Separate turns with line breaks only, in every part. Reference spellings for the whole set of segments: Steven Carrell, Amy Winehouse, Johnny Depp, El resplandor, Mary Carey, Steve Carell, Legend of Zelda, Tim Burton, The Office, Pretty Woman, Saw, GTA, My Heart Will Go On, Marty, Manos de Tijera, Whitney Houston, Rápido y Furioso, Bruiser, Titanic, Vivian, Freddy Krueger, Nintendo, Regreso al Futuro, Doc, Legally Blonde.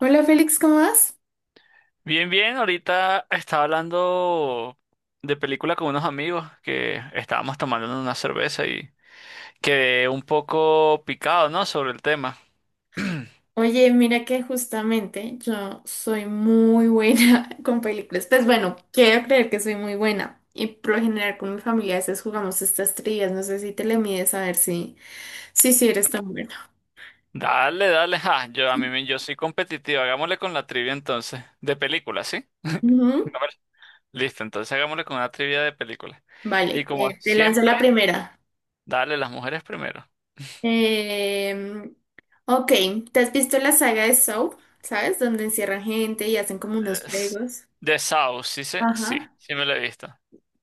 Hola Félix, ¿cómo vas?
Bien, bien, ahorita estaba hablando de película con unos amigos que estábamos tomando una cerveza y quedé un poco picado, ¿no? Sobre el tema.
Oye, mira que justamente yo soy muy buena con películas. Pues bueno, quiero creer que soy muy buena. Y por lo general con mi familia a veces jugamos estas trillas. No sé si te le mides a ver si eres tan buena.
Dale, dale, ja, yo a mí me- yo soy competitivo, hagámosle con la trivia entonces, de película, ¿sí?
Ujú.
A ver. Listo, entonces hagámosle con una trivia de película. Y
Vale,
como
te lanzo la
siempre,
primera.
dale las mujeres primero.
Em, ok, ¿te has visto la saga de Saw? ¿Sabes? Donde encierran gente y hacen como unos
Es-
juegos.
The South, sí, ¿sé? Sí,
Ajá.
sí me lo he visto.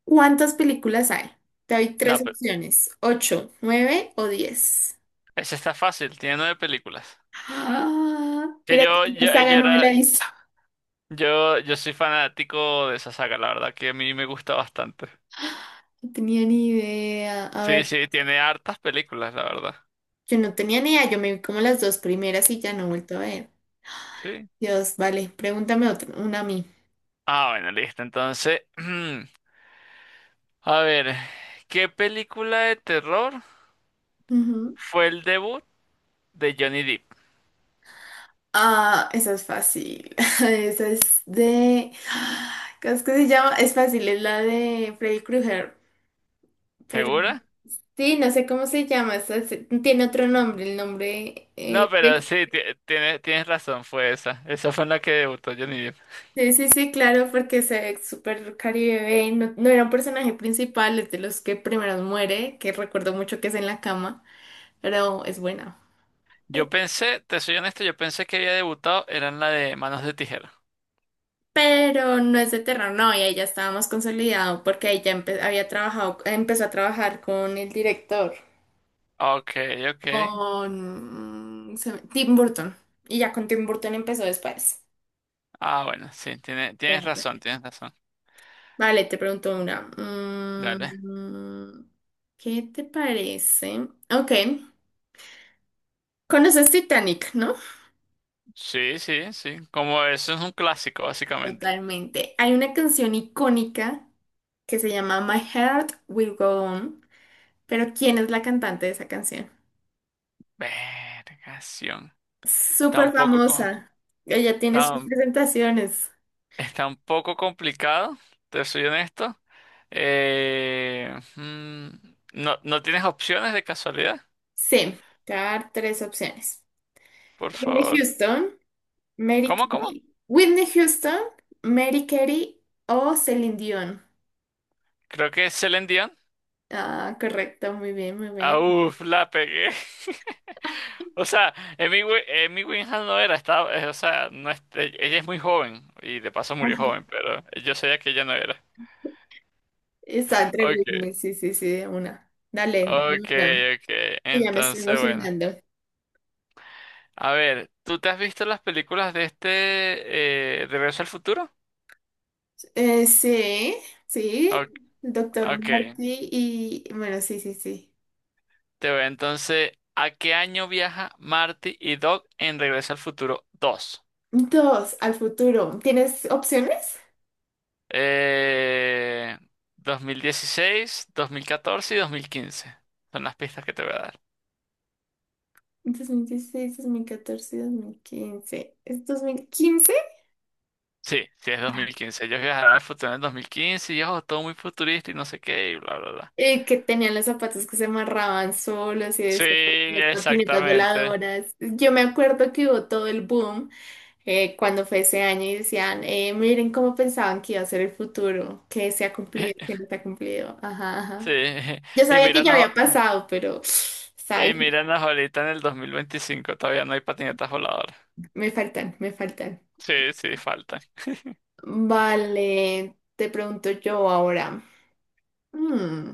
¿Cuántas películas hay? Te doy tres
No, pero
opciones, ocho, nueve o 10.
ese está fácil, tiene nueve películas.
Ah,
Que
mira que
yo,
esta saga no me la he visto.
yo soy fanático de esa saga, la verdad, que a mí me gusta bastante.
No tenía ni idea. A
Sí,
ver,
sí, tiene hartas películas, la verdad.
yo no tenía ni idea. Yo me vi como las dos primeras y ya no he vuelto a ver.
Sí.
Dios, vale, pregúntame otra, una a mí.
Ah, bueno, listo. Entonces, a ver, ¿qué película de terror
Ujú.
fue el debut de Johnny Depp?
Ah, esa es fácil. Esa es de... ¿Cómo es que se llama? Es fácil, es la de Freddy Krueger. Pero no,
¿Segura?
sí, no sé cómo se llama. Tiene otro nombre, el nombre...
No,
eh,
pero sí, tienes razón, fue esa. Esa fue en la que debutó Johnny Depp.
Sí, sí, sí, claro, porque se ve súper Caribe Bane, no, no era un personaje principal, es de los que primero muere, que recuerdo mucho que es en la cama, pero es buena.
Yo
Ay,
pensé, te soy honesto, yo pensé que había debutado, era en la de Manos de Tijera.
pero no es de terror, no, y ahí ya estábamos consolidado porque ahí ya había trabajado, empezó a trabajar con el director,
Ok, ok.
con Tim Burton, y ya con Tim Burton empezó después.
Ah, bueno, sí, tienes
Mira, pues.
razón, tienes razón.
Vale, te pregunto una.
Dale.
¿Qué te parece? Ok. Conoces Titanic, ¿no?
Sí, sí, sí. Como eso es un clásico, básicamente.
Totalmente. Hay una canción icónica que se llama My Heart Will Go On, pero ¿quién es la cantante de esa canción?
Vergación. Está
Súper
un poco, co-
famosa. Ella tiene
está,
sus
un
presentaciones.
está un poco complicado, te soy honesto. Eh, mm, no, ¿no tienes opciones de casualidad?
Sí, te voy a dar tres opciones.
Por
Whitney
favor.
Houston, Mary
¿Cómo, cómo?
Carey. Whitney Houston, Mary Carey o Celine Dion.
Creo que es Celine Dion.
Ah, correcto, muy bien, muy
Ah,
bien.
uf, la pegué. O sea, Emi Winhouse no era, o sea, no es- ella es muy joven y de paso murió
Ajá.
joven, pero yo sabía que ella no era.
Está entre
Ok.
Whitney, sí, sí, sí, de una. Dale, de una.
Okay, okay.
Ya me estoy
Entonces, bueno.
emocionando.
A ver, ¿tú te has visto las películas de este Regreso al Futuro?
Sí, sí,
Ok,
doctor
okay.
Marty y bueno, sí, sí, sí.
Te voy Entonces, ¿a qué año viaja Marty y Doc en Regreso al Futuro 2?
Dos, al futuro. ¿Tienes opciones?
Eh, 2016, 2014 y 2015. Son las pistas que te voy a dar.
Dos mil dieciséis, 2014, 2015. ¿Es 2015?
Sí, sí es 2015. Ellos viajarán al futuro en el 2015 y ojo, todo muy futurista y no sé qué y bla, bla, bla.
Que tenían los zapatos que se amarraban solos y
Sí,
eso, las patinetas
exactamente.
voladoras. Yo me acuerdo que hubo todo el boom cuando fue ese año y decían, miren cómo pensaban que iba a ser el futuro, que se ha cumplido, que no se ha cumplido. Ajá,
Sí,
ajá. Yo
y
sabía que ya
míranos,
había pasado, pero sabes,
ahorita en el 2025 todavía no hay patinetas voladoras.
me faltan, me faltan.
Sí, sí, faltan.
Vale, te pregunto yo ahora. Mm,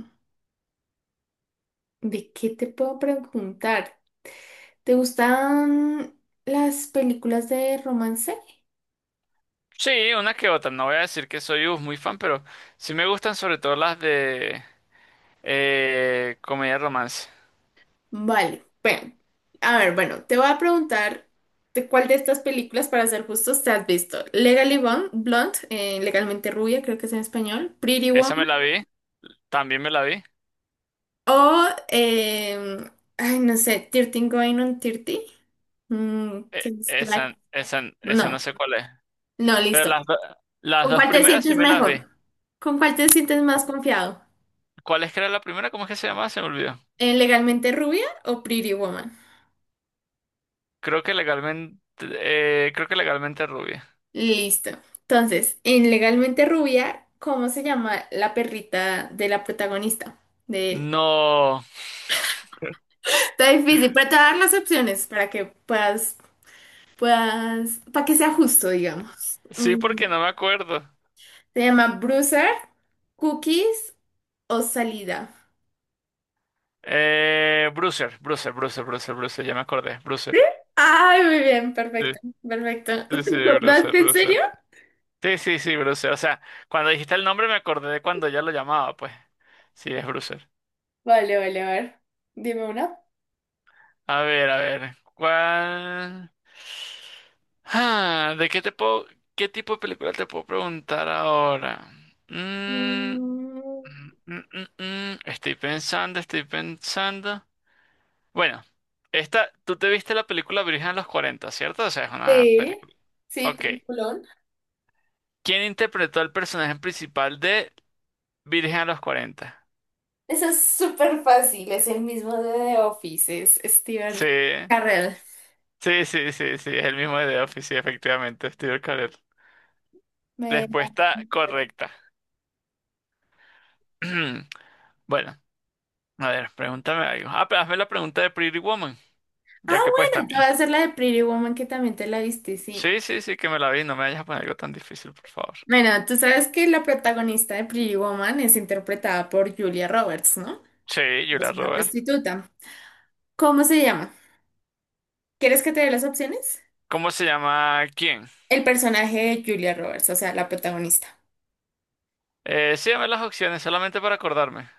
¿De qué te puedo preguntar? ¿Te gustan las películas de romance?
Sí, una que otra, no voy a decir que soy uf, muy fan, pero sí me gustan sobre todo las de comedia romance.
Vale, bueno, a ver, bueno, te voy a preguntar de cuál de estas películas, para ser justos, te has visto. Legally Blonde, Legalmente Rubia, creo que es en español, Pretty Woman.
Esa me la vi, también me la vi.
O, ay, no sé, Tirting Going on 30,
E-
que es
esa,
like.
esa, esa
No,
no sé cuál es.
no,
Pero
listo.
las
¿Con
dos
cuál te
primeras sí
sientes
me las vi.
mejor? ¿Con cuál te sientes más confiado?
¿Cuál es que era la primera? ¿Cómo es que se llamaba? Se me olvidó.
¿En Legalmente Rubia o Pretty Woman?
Creo que legalmente rubia.
Listo. Entonces, en Legalmente Rubia, ¿cómo se llama la perrita de la protagonista? De él.
No.
Está difícil, pero te voy a dar las opciones para que puedas, para que sea justo, digamos.
Sí,
Mm.
porque no me acuerdo.
Se llama Bruiser, Cookies o salida.
Bruiser, Bruiser, Bruiser, Bruiser, Bruiser, ya me acordé, Bruiser.
Ay, muy bien,
Sí,
perfecto, perfecto.
sí,
¿Te
sí, Bruiser,
acordaste en serio?
Bruiser. Sí, sí, sí, Bruiser. O sea, cuando dijiste el nombre me acordé de cuando ya lo llamaba, pues. Sí, es Bruiser.
Vale, vale, a ver. Dime una.
A ver, ¿cuál? Ah, ¿de qué te puedo, qué tipo de película te puedo preguntar ahora? Mm, mm,
Mm,
mm, mm, mm. Estoy pensando, estoy pensando. Bueno, esta, tú te viste la película Virgen a los 40, ¿cierto? O sea, es una
sí,
película.
sí,
Ok.
peliculón.
¿Quién interpretó al personaje principal de Virgen a los 40?
Eso es súper fácil, es el mismo de The Office, es
Sí,
Steven Carrell.
sí, sí, sí, sí, es el mismo de The Office, sí, efectivamente, Steve Carell.
Me-
Respuesta correcta. Bueno, a ver, pregúntame algo. Ah, pero hazme la pregunta de Pretty Woman,
Ah,
ya que pues
bueno, te
también.
voy a hacer la de Pretty Woman que también te la viste, sí.
Sí, sí, sí, que me la vi, no me vayas a poner algo tan difícil, por favor.
Bueno, tú sabes que la protagonista de Pretty Woman es interpretada por Julia Roberts, ¿no?
Sí, Julia
Es una
Roberts.
prostituta. ¿Cómo se llama? ¿Quieres que te dé las opciones?
¿Cómo se llama quién?
El personaje de Julia Roberts, o sea, la protagonista.
Sí, dame las opciones, solamente para acordarme.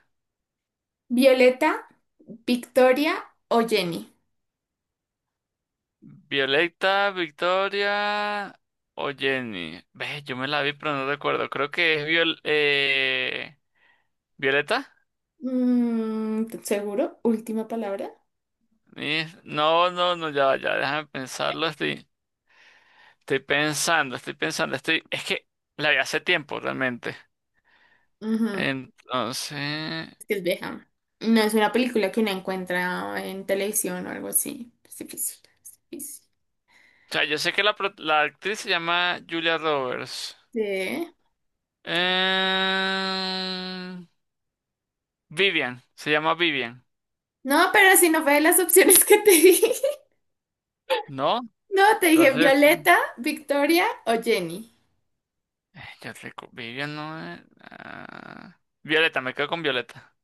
Violeta, Victoria o Jenny.
Violeta, Victoria o Jenny. Ve, yo me la vi, pero no recuerdo. Creo que es Violeta.
¿Seguro? Última palabra.
No, no, no, ya, va, ya, déjame pensarlo. Estoy pensando, estoy pensando, estoy. Es que la vi hace tiempo, realmente.
Ujú,
Entonces,
es que es vieja. No es una película que uno encuentra en televisión o algo así. Es difícil, es difícil.
o sea, yo sé que la actriz se llama Julia Roberts.
Sí.
Eh, Vivian, se llama Vivian,
No, pero si no fue de las opciones que te di.
¿no?
No, te dije
Entonces.
Violeta, Victoria o Jenny.
Vivian no es. Ah, Violeta, me quedo con Violeta.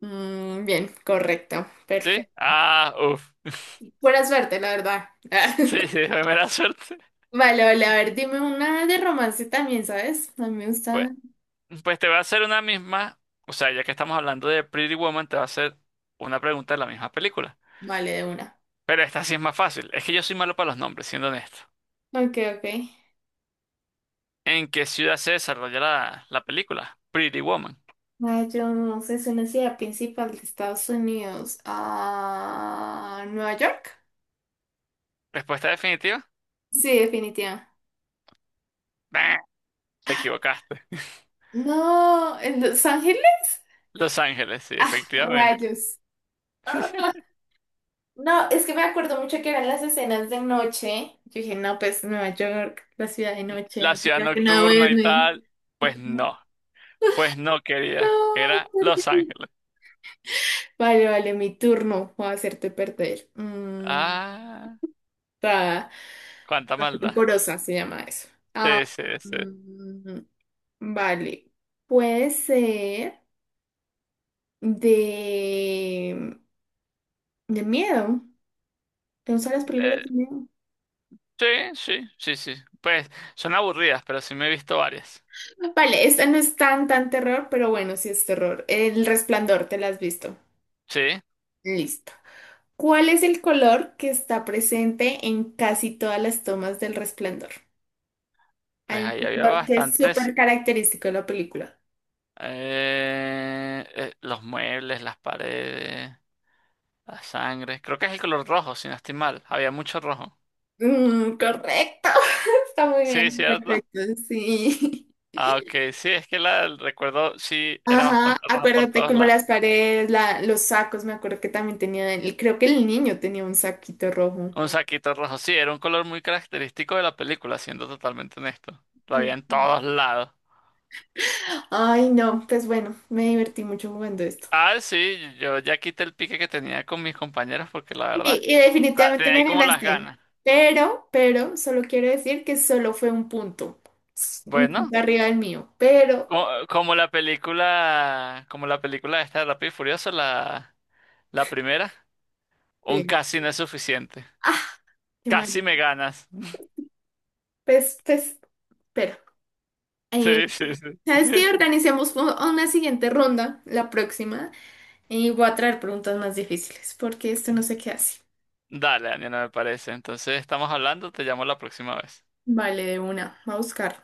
Bien, correcto.
¿Sí?
Perfecto.
Ah, uff.
Buena suerte, la verdad.
Sí, sí, de mera suerte.
Vale, vale, a ver, dime una de romance también, ¿sabes? A mí me
Pues,
gusta.
pues te voy a hacer una misma. O sea, ya que estamos hablando de Pretty Woman, te voy a hacer una pregunta de la misma película.
Vale, de una.
Pero esta sí es más fácil. Es que yo soy malo para los nombres, siendo honesto.
Ok, ok.
¿En qué ciudad se desarrolla la película? Pretty Woman.
Ah, yo no sé, es una ciudad principal de Estados Unidos. Ah, ¿Nueva York?
¿Respuesta definitiva?
Sí, definitiva.
Bah, te equivocaste.
No, ¿en Los Ángeles?
Los Ángeles, sí, efectivamente.
Rayos. Ah, no, es que me acuerdo mucho que eran las escenas de noche. Yo dije, no, pues Nueva York, la ciudad de
La
noche,
ciudad
ya que no
nocturna y
duerme.
tal. Pues no. Pues no,
No,
era Los
perdí.
Ángeles.
Vale, vale, mi turno. Voy a hacerte perder.
Ah,
Ta-
cuánta maldad.
Rencorosa se llama eso. Ah,
Sí, sí, sí.
mm, vale. Puede ser de, de, miedo. ¿Te gustan las películas
Eh,
de miedo?
sí, sí, sí, sí. Pues son aburridas, pero sí me he visto varias.
Vale, esta no es tan, tan terror, pero bueno, sí es terror. El resplandor, ¿te la has visto?
Sí,
Listo. ¿Cuál es el color que está presente en casi todas las tomas del resplandor?
pues
Hay un
ahí había
color que es
bastantes.
súper característico de la película.
Los muebles, las paredes, la sangre. Creo que es el color rojo, si no estoy mal. Había mucho rojo.
Correcto, está muy
Sí,
bien.
¿cierto?
Perfecto, sí.
Ah, ok, sí, es que el recuerdo sí era
Ajá,
bastante rojo por
acuérdate
todos
como
lados.
las paredes, los sacos, me acuerdo que también tenía, creo que el niño tenía un saquito rojo.
Un saquito rojo, sí, era un color muy característico de la película, siendo totalmente honesto. Lo había en
Sí.
todos lados.
Ay, no, pues bueno, me divertí mucho jugando esto.
Ah, sí, yo ya quité el pique que tenía con mis compañeros porque la
Y,
verdad,
y
o sea,
definitivamente
tenía ahí
me
como las
ganaste.
ganas.
Pero, solo quiero decir que solo fue un punto. Un
Bueno,
punto arriba del mío. Pero,
como la película esta de Rápido y Furioso, la primera, un
sí.
casi no es suficiente.
Ah, qué
Casi
mal.
me ganas.
Pues, pero. eh,
Sí, sí, sí.
¿Sabes qué? Organicemos una siguiente ronda, la próxima, y voy a traer preguntas más difíciles, porque esto no se queda así.
Dale, Ania, no me parece. Entonces estamos hablando, te llamo la próxima vez.
Vale, de una, va a buscar.